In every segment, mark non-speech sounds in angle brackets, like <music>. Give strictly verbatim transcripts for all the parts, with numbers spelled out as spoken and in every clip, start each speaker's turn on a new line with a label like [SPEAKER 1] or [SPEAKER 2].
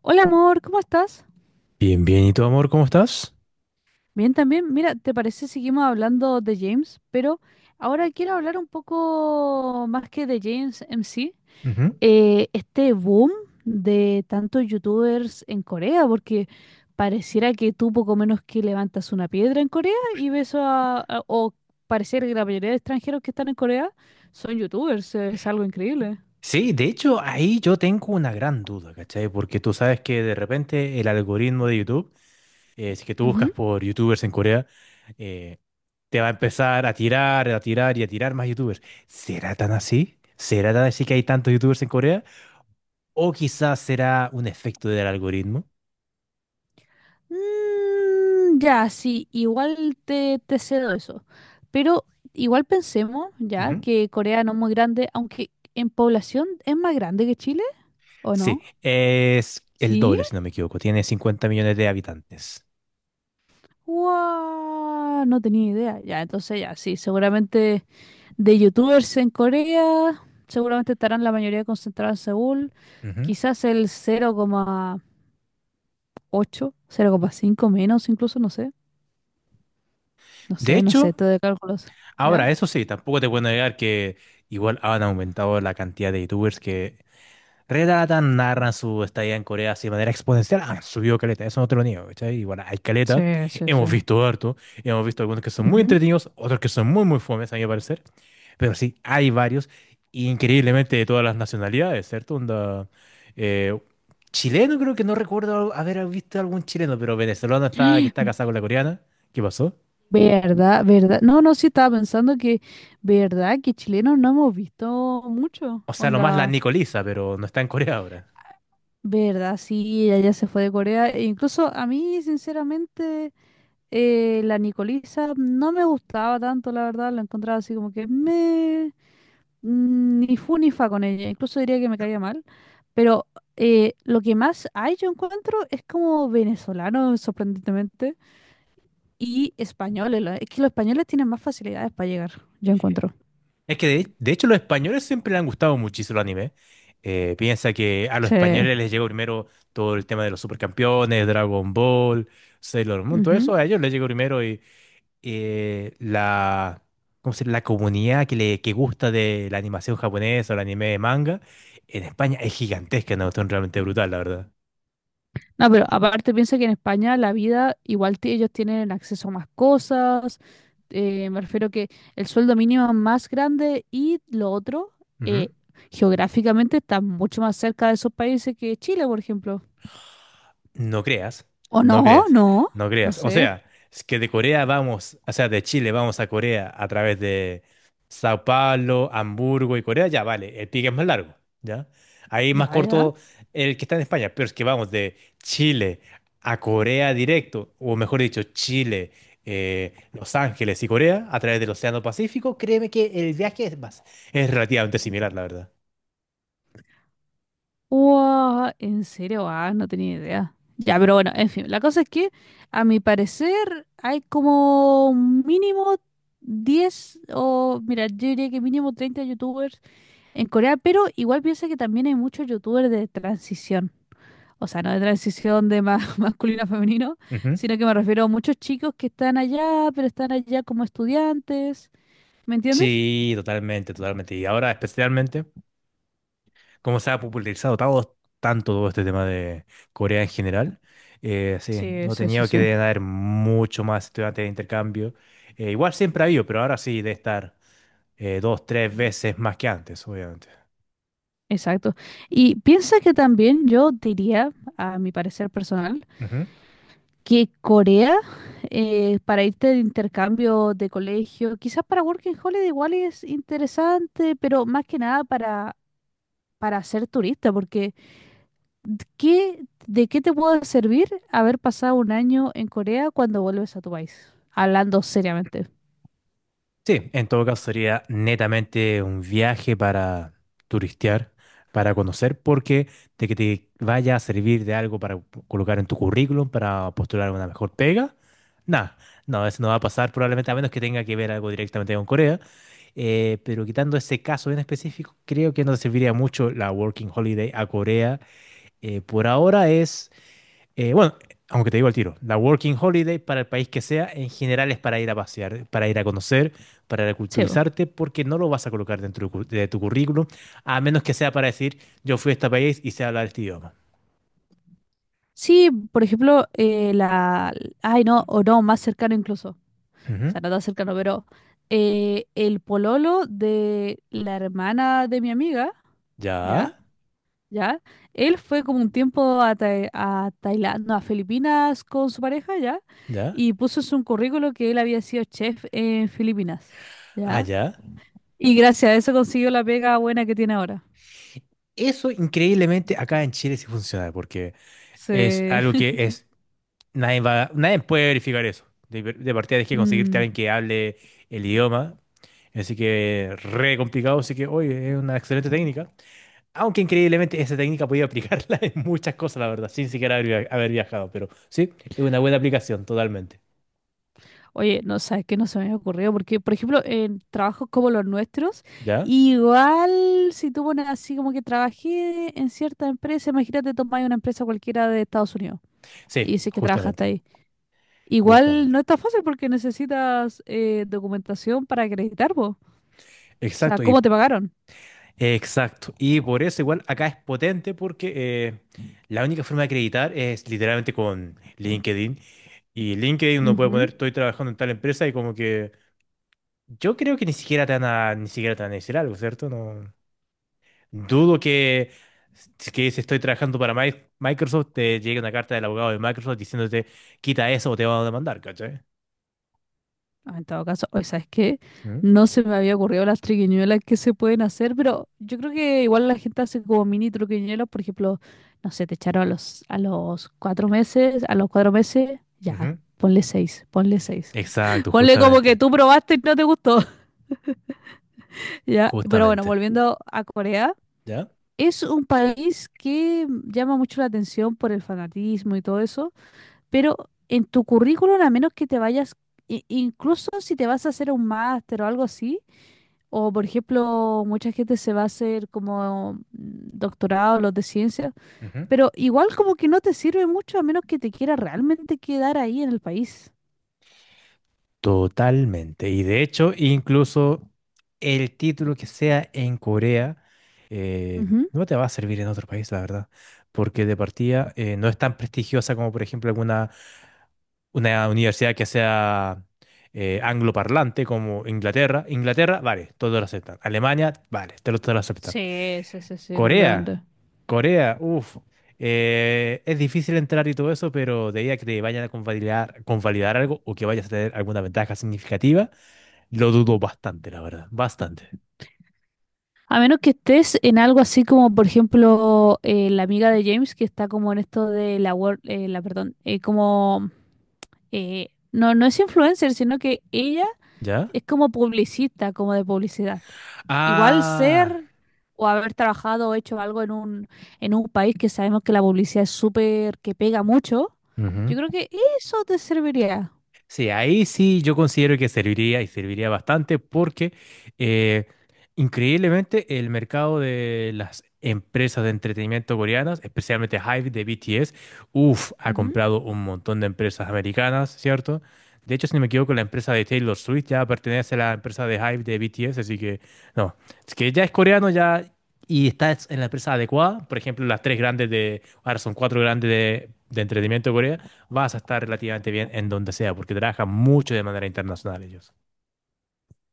[SPEAKER 1] Hola amor, ¿cómo estás?
[SPEAKER 2] Bien, bien. ¿Y tu amor, cómo estás?
[SPEAKER 1] Bien también. Mira, ¿te parece seguimos hablando de James? Pero ahora quiero hablar un poco más que de James M C.
[SPEAKER 2] Ujú.
[SPEAKER 1] Eh, este boom de tantos youtubers en Corea, porque pareciera que tú poco menos que levantas una piedra en Corea y ves a, a- o pareciera que la mayoría de extranjeros que están en Corea son youtubers, es algo increíble.
[SPEAKER 2] Sí, de hecho, ahí yo tengo una gran duda, ¿cachai? Porque tú sabes que de repente el algoritmo de YouTube, eh, si que tú buscas por YouTubers en Corea, eh, te va a empezar a tirar, a tirar y a tirar más YouTubers. ¿Será tan así? ¿Será tan así que hay tantos YouTubers en Corea? ¿O quizás será un efecto del algoritmo?
[SPEAKER 1] Mm, ya, sí, igual te, te cedo eso. Pero igual pensemos, ya,
[SPEAKER 2] Ujú.
[SPEAKER 1] que Corea no es muy grande, aunque en población es más grande que Chile, ¿o
[SPEAKER 2] Sí,
[SPEAKER 1] no?
[SPEAKER 2] es el
[SPEAKER 1] ¿Sí?
[SPEAKER 2] doble, si no me equivoco. Tiene cincuenta millones de habitantes.
[SPEAKER 1] ¡Wow! No tenía idea. Ya, entonces ya, sí, seguramente de youtubers en Corea, seguramente estarán la mayoría concentrados en Seúl,
[SPEAKER 2] Ujú.
[SPEAKER 1] quizás el cero cero coma ocho cero coma cinco menos incluso, no sé, no
[SPEAKER 2] De
[SPEAKER 1] sé, no sé,
[SPEAKER 2] hecho,
[SPEAKER 1] todo de cálculos, ¿ya?
[SPEAKER 2] ahora, eso sí, tampoco te puedo negar que igual han aumentado la cantidad de youtubers que relatan, narran su estadía en Corea así de manera exponencial. Han subido caleta, eso no te lo niego, ¿cachai? Igual hay caleta,
[SPEAKER 1] Sí, sí, sí.
[SPEAKER 2] hemos visto harto, hemos visto algunos que son muy entretenidos, otros que son muy, muy fomes, a mi parecer. Pero sí, hay varios, increíblemente de todas las nacionalidades, ¿cierto? Onda, eh, chileno creo que no recuerdo haber visto algún chileno, pero venezolano está, que está casado con la coreana. ¿Qué pasó?
[SPEAKER 1] ¿Verdad? ¿Verdad? No, no, sí estaba pensando que, ¿verdad? Que chilenos no hemos visto mucho.
[SPEAKER 2] O sea, nomás la
[SPEAKER 1] Onda,
[SPEAKER 2] Nicoliza, pero no está en Corea ahora.
[SPEAKER 1] ¿verdad? Sí, ella ya se fue de Corea. E incluso a mí, sinceramente, eh, la Nicolisa no me gustaba tanto, la verdad. La encontraba así como que me... mm, ni fu ni fa con ella. Incluso diría que me caía mal. Pero eh, lo que más hay, yo encuentro, es como venezolano, sorprendentemente. Y españoles, lo- es que los españoles tienen más facilidades para llegar, yo encuentro.
[SPEAKER 2] Es que de, de hecho los españoles siempre le han gustado muchísimo el anime. Eh, piensa que a los
[SPEAKER 1] Sí.
[SPEAKER 2] españoles les llegó primero todo el tema de los supercampeones, Dragon Ball, Sailor Moon, todo
[SPEAKER 1] Ujú.
[SPEAKER 2] eso a ellos les llegó primero y eh, la, ¿cómo se llama? La comunidad que, le, que gusta de la animación japonesa o el anime de manga en España es gigantesca, una cuestión realmente brutal, la verdad.
[SPEAKER 1] No, pero aparte piensa que en España la vida, igual ti- ellos tienen acceso a más cosas, eh, me refiero que el sueldo mínimo es más grande y lo otro,
[SPEAKER 2] Ujú.
[SPEAKER 1] eh, geográficamente está mucho más cerca de esos países que Chile, por ejemplo.
[SPEAKER 2] No creas,
[SPEAKER 1] ¿O
[SPEAKER 2] no
[SPEAKER 1] no?
[SPEAKER 2] creas,
[SPEAKER 1] No,
[SPEAKER 2] no
[SPEAKER 1] no
[SPEAKER 2] creas. O
[SPEAKER 1] sé.
[SPEAKER 2] sea, es que de Corea vamos, o sea, de Chile vamos a Corea a través de Sao Paulo, Hamburgo y Corea, ya vale, el pique es más largo, ¿ya? Ahí más
[SPEAKER 1] Ya, ya.
[SPEAKER 2] corto el que está en España, pero es que vamos de Chile a Corea directo, o mejor dicho, Chile, eh, Los Ángeles y Corea a través del Océano Pacífico, créeme que el viaje es más, es relativamente similar, la verdad.
[SPEAKER 1] Wow, ¿en serio? Ah, no tenía idea. Ya, pero bueno, en fin, la cosa es que a mi parecer hay como mínimo diez o, mira, yo diría que mínimo treinta youtubers en Corea, pero igual piensa que también hay muchos youtubers de transición. O sea, no de transición de ma- <laughs> masculino a femenino,
[SPEAKER 2] Ujú.
[SPEAKER 1] sino que me refiero a muchos chicos que están allá, pero están allá como estudiantes. ¿Me entiendes?
[SPEAKER 2] Sí, totalmente, totalmente. Y ahora especialmente, como se ha popularizado todo- tanto todo este tema de Corea en general, eh, sí,
[SPEAKER 1] Sí,
[SPEAKER 2] no
[SPEAKER 1] sí, sí,
[SPEAKER 2] tenía que
[SPEAKER 1] sí.
[SPEAKER 2] deben haber mucho más estudiantes de intercambio. Eh, igual siempre ha habido, pero ahora sí debe estar eh, dos, tres veces más que antes, obviamente.
[SPEAKER 1] Exacto. Y piensa que también yo diría, a mi parecer personal, que Corea, eh, para irte de intercambio de colegio, quizás para Working Holiday igual es interesante, pero más que nada para, para ser turista, porque ¿qué, de qué te puede servir haber pasado un año en Corea cuando vuelves a tu país? Hablando seriamente.
[SPEAKER 2] Sí, en todo caso sería netamente un viaje para turistear, para conocer, porque de que te vaya a servir de algo para colocar en tu currículum, para postular una mejor pega, nada, no, eso no va a pasar probablemente a menos que tenga que ver algo directamente con Corea. Eh, pero quitando ese caso en específico, creo que no te serviría mucho la Working Holiday a Corea. Eh, por ahora es eh, Bueno, aunque te digo al tiro, la Working Holiday para el país que sea, en general es para ir a pasear, para ir a conocer, para
[SPEAKER 1] Sí, po.
[SPEAKER 2] reculturizarte, porque no lo vas a colocar dentro de cu- de tu currículum, a menos que sea para decir, yo fui a este país y sé hablar este idioma.
[SPEAKER 1] Sí, por ejemplo, eh, la... Ay, no, o no, más cercano incluso. O
[SPEAKER 2] Ujú.
[SPEAKER 1] sea, no tan cercano, pero eh, el pololo de la hermana de mi amiga,
[SPEAKER 2] Ya.
[SPEAKER 1] ya,
[SPEAKER 2] Ah,
[SPEAKER 1] ya, él fue como un tiempo a, Tai- a Tailandia, no, a Filipinas con su pareja, ya,
[SPEAKER 2] ya,
[SPEAKER 1] y puso en su currículo que él había sido chef en Filipinas, ya,
[SPEAKER 2] allá.
[SPEAKER 1] y gracias a eso consiguió la pega buena que tiene ahora.
[SPEAKER 2] Eso increíblemente acá en Chile sí funciona, porque es
[SPEAKER 1] Sí.
[SPEAKER 2] algo que
[SPEAKER 1] <laughs>
[SPEAKER 2] es, nadie va, nadie puede verificar eso. De, de partida tienes que conseguirte a
[SPEAKER 1] Mm.
[SPEAKER 2] alguien que hable el idioma, así que re complicado, así que, oye, es una excelente técnica. Aunque increíblemente esa técnica podía aplicarla <laughs> en muchas cosas, la verdad, sin siquiera haber, via- haber viajado, pero sí, es una buena aplicación, totalmente.
[SPEAKER 1] Oye, no sabes que no se me había ocurrido, porque, por ejemplo, en trabajos como los nuestros,
[SPEAKER 2] ¿Ya?
[SPEAKER 1] igual si tú pones así como que trabajé en cierta empresa, imagínate tomar una empresa cualquiera de Estados Unidos y
[SPEAKER 2] Sí,
[SPEAKER 1] dices que trabajaste
[SPEAKER 2] justamente,
[SPEAKER 1] ahí. Igual
[SPEAKER 2] justamente.
[SPEAKER 1] no está fácil porque necesitas eh, documentación para acreditar, po. O sea,
[SPEAKER 2] Exacto, y
[SPEAKER 1] ¿cómo te pagaron?
[SPEAKER 2] exacto. Y por eso igual acá es potente porque eh, la única forma de acreditar es literalmente con LinkedIn. Y LinkedIn uno puede
[SPEAKER 1] Ujú.
[SPEAKER 2] poner, estoy trabajando en tal empresa y como que yo creo que ni siquiera te van a, ni siquiera te van a decir algo, ¿cierto? No. Dudo que, que si estoy trabajando para Mi- Microsoft te llegue una carta del abogado de Microsoft diciéndote quita eso o te van a demandar, ¿cachai?
[SPEAKER 1] Ah, en todo caso, o sea, es que
[SPEAKER 2] Mm,
[SPEAKER 1] no se me había ocurrido las triquiñuelas que se pueden hacer, pero yo creo que igual la gente hace como mini triquiñuelas, por ejemplo, no sé, te echaron a los, a los cuatro meses, a los cuatro meses, ya,
[SPEAKER 2] ujú.
[SPEAKER 1] ponle seis, ponle seis. <laughs>
[SPEAKER 2] Exacto,
[SPEAKER 1] Ponle como que
[SPEAKER 2] justamente,
[SPEAKER 1] tú probaste y no te gustó, <laughs> ya. Pero bueno,
[SPEAKER 2] justamente.
[SPEAKER 1] volviendo a Corea,
[SPEAKER 2] ¿Ya?
[SPEAKER 1] es un país que llama mucho la atención por el fanatismo y todo eso, pero en tu currículum, a menos que te vayas, i- incluso si te vas a hacer un máster o algo así, o, por ejemplo, mucha gente se va a hacer como mm, doctorado, los de ciencia,
[SPEAKER 2] Ujú.
[SPEAKER 1] pero igual como que no te sirve mucho a menos que te quiera realmente quedar ahí en el país.
[SPEAKER 2] Totalmente. Y de hecho, incluso el título que sea en Corea eh,
[SPEAKER 1] Ujú.
[SPEAKER 2] no te va a servir en otro país, la verdad, porque de partida eh, no es tan prestigiosa como, por ejemplo, alguna una universidad que sea eh, angloparlante como Inglaterra. Inglaterra, vale, todos lo aceptan. Alemania, vale, te lo, todos lo aceptan.
[SPEAKER 1] Sí, sí, sí, sí,
[SPEAKER 2] Corea,
[SPEAKER 1] completamente.
[SPEAKER 2] Corea, uff, es difícil entrar y todo eso, pero de ahí a que te vayan a convalidar, convalidar algo o que vayas a tener alguna ventaja significativa. Lo dudo bastante, la verdad. Bastante.
[SPEAKER 1] A menos que estés en algo así como, por ejemplo, eh, la amiga de James que está como en esto de la, wor- eh, la perdón, eh, como, eh, no, no es influencer, sino que ella
[SPEAKER 2] ¿Ya?
[SPEAKER 1] es como publicista, como de publicidad. Igual
[SPEAKER 2] Ah,
[SPEAKER 1] ser o haber trabajado o hecho algo en un, en un país que sabemos que la publicidad es súper, que pega mucho,
[SPEAKER 2] ujú.
[SPEAKER 1] yo creo que eso te serviría.
[SPEAKER 2] Sí, ahí sí yo considero que serviría y serviría bastante porque eh, increíblemente el mercado de las empresas de entretenimiento coreanas, especialmente HYBE de B T S, uff, ha
[SPEAKER 1] Ujú.
[SPEAKER 2] comprado un montón de empresas americanas, ¿cierto? De hecho, si no me equivoco, la empresa de Taylor Swift ya pertenece a la empresa de HYBE de B T S, así que no, es que ya es coreano ya y está en la empresa adecuada, por ejemplo, las tres grandes de, ahora son cuatro grandes de, de entretenimiento coreano vas a estar relativamente bien en donde sea, porque trabajan mucho de manera internacional ellos.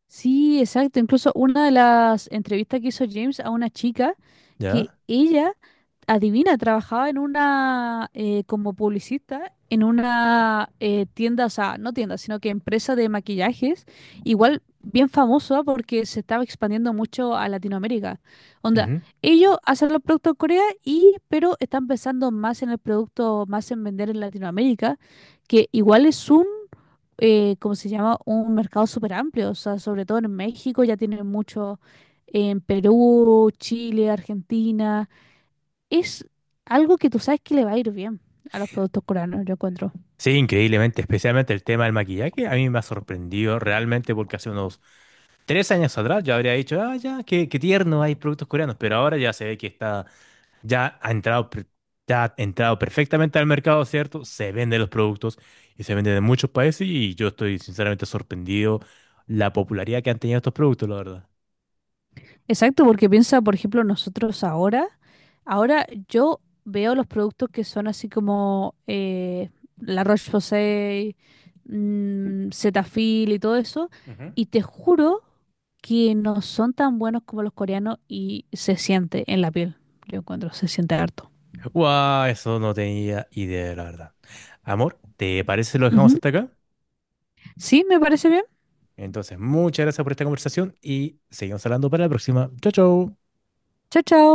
[SPEAKER 1] Sí, exacto. Incluso una de las entrevistas que hizo James a una chica, que
[SPEAKER 2] ¿Ya?
[SPEAKER 1] ella adivina, trabajaba en una, eh, como publicista, en una eh, tienda, o sea, no tienda, sino que empresa de maquillajes, igual bien famosa porque se estaba expandiendo mucho a Latinoamérica. Onda,
[SPEAKER 2] Ujú.
[SPEAKER 1] ellos hacen los productos en Corea y, pero están pensando más en el producto, más en vender en Latinoamérica, que igual es un, eh, ¿cómo se llama? Un mercado súper amplio, o sea, sobre todo en México ya tienen mucho, en Perú, Chile, Argentina es algo que tú sabes que le va a ir bien a los productos coreanos, yo encuentro.
[SPEAKER 2] Sí, increíblemente, especialmente el tema del maquillaje, a mí me ha sorprendido realmente porque hace unos tres años atrás yo habría dicho, ah, ya, qué, qué tierno hay productos coreanos, pero ahora ya se ve que está, ya ha entrado, per- ya ha entrado perfectamente al mercado, ¿cierto? Se venden los productos y se venden en muchos países y yo estoy sinceramente sorprendido la popularidad que han tenido estos productos, la verdad.
[SPEAKER 1] Exacto, porque piensa, por ejemplo, nosotros ahora, ahora yo veo los productos que son así como eh, La Roche-Posay, mm, Cetaphil y todo eso, y te juro que no son tan buenos como los coreanos y se siente en la piel, yo encuentro, se siente harto.
[SPEAKER 2] Wow, eso no tenía idea, la verdad. Amor, ¿te parece si lo dejamos
[SPEAKER 1] Ujú.
[SPEAKER 2] hasta acá?
[SPEAKER 1] Sí, me parece bien.
[SPEAKER 2] Entonces, muchas gracias por esta conversación y seguimos hablando para la próxima. Chau, chau.
[SPEAKER 1] Chao, chao.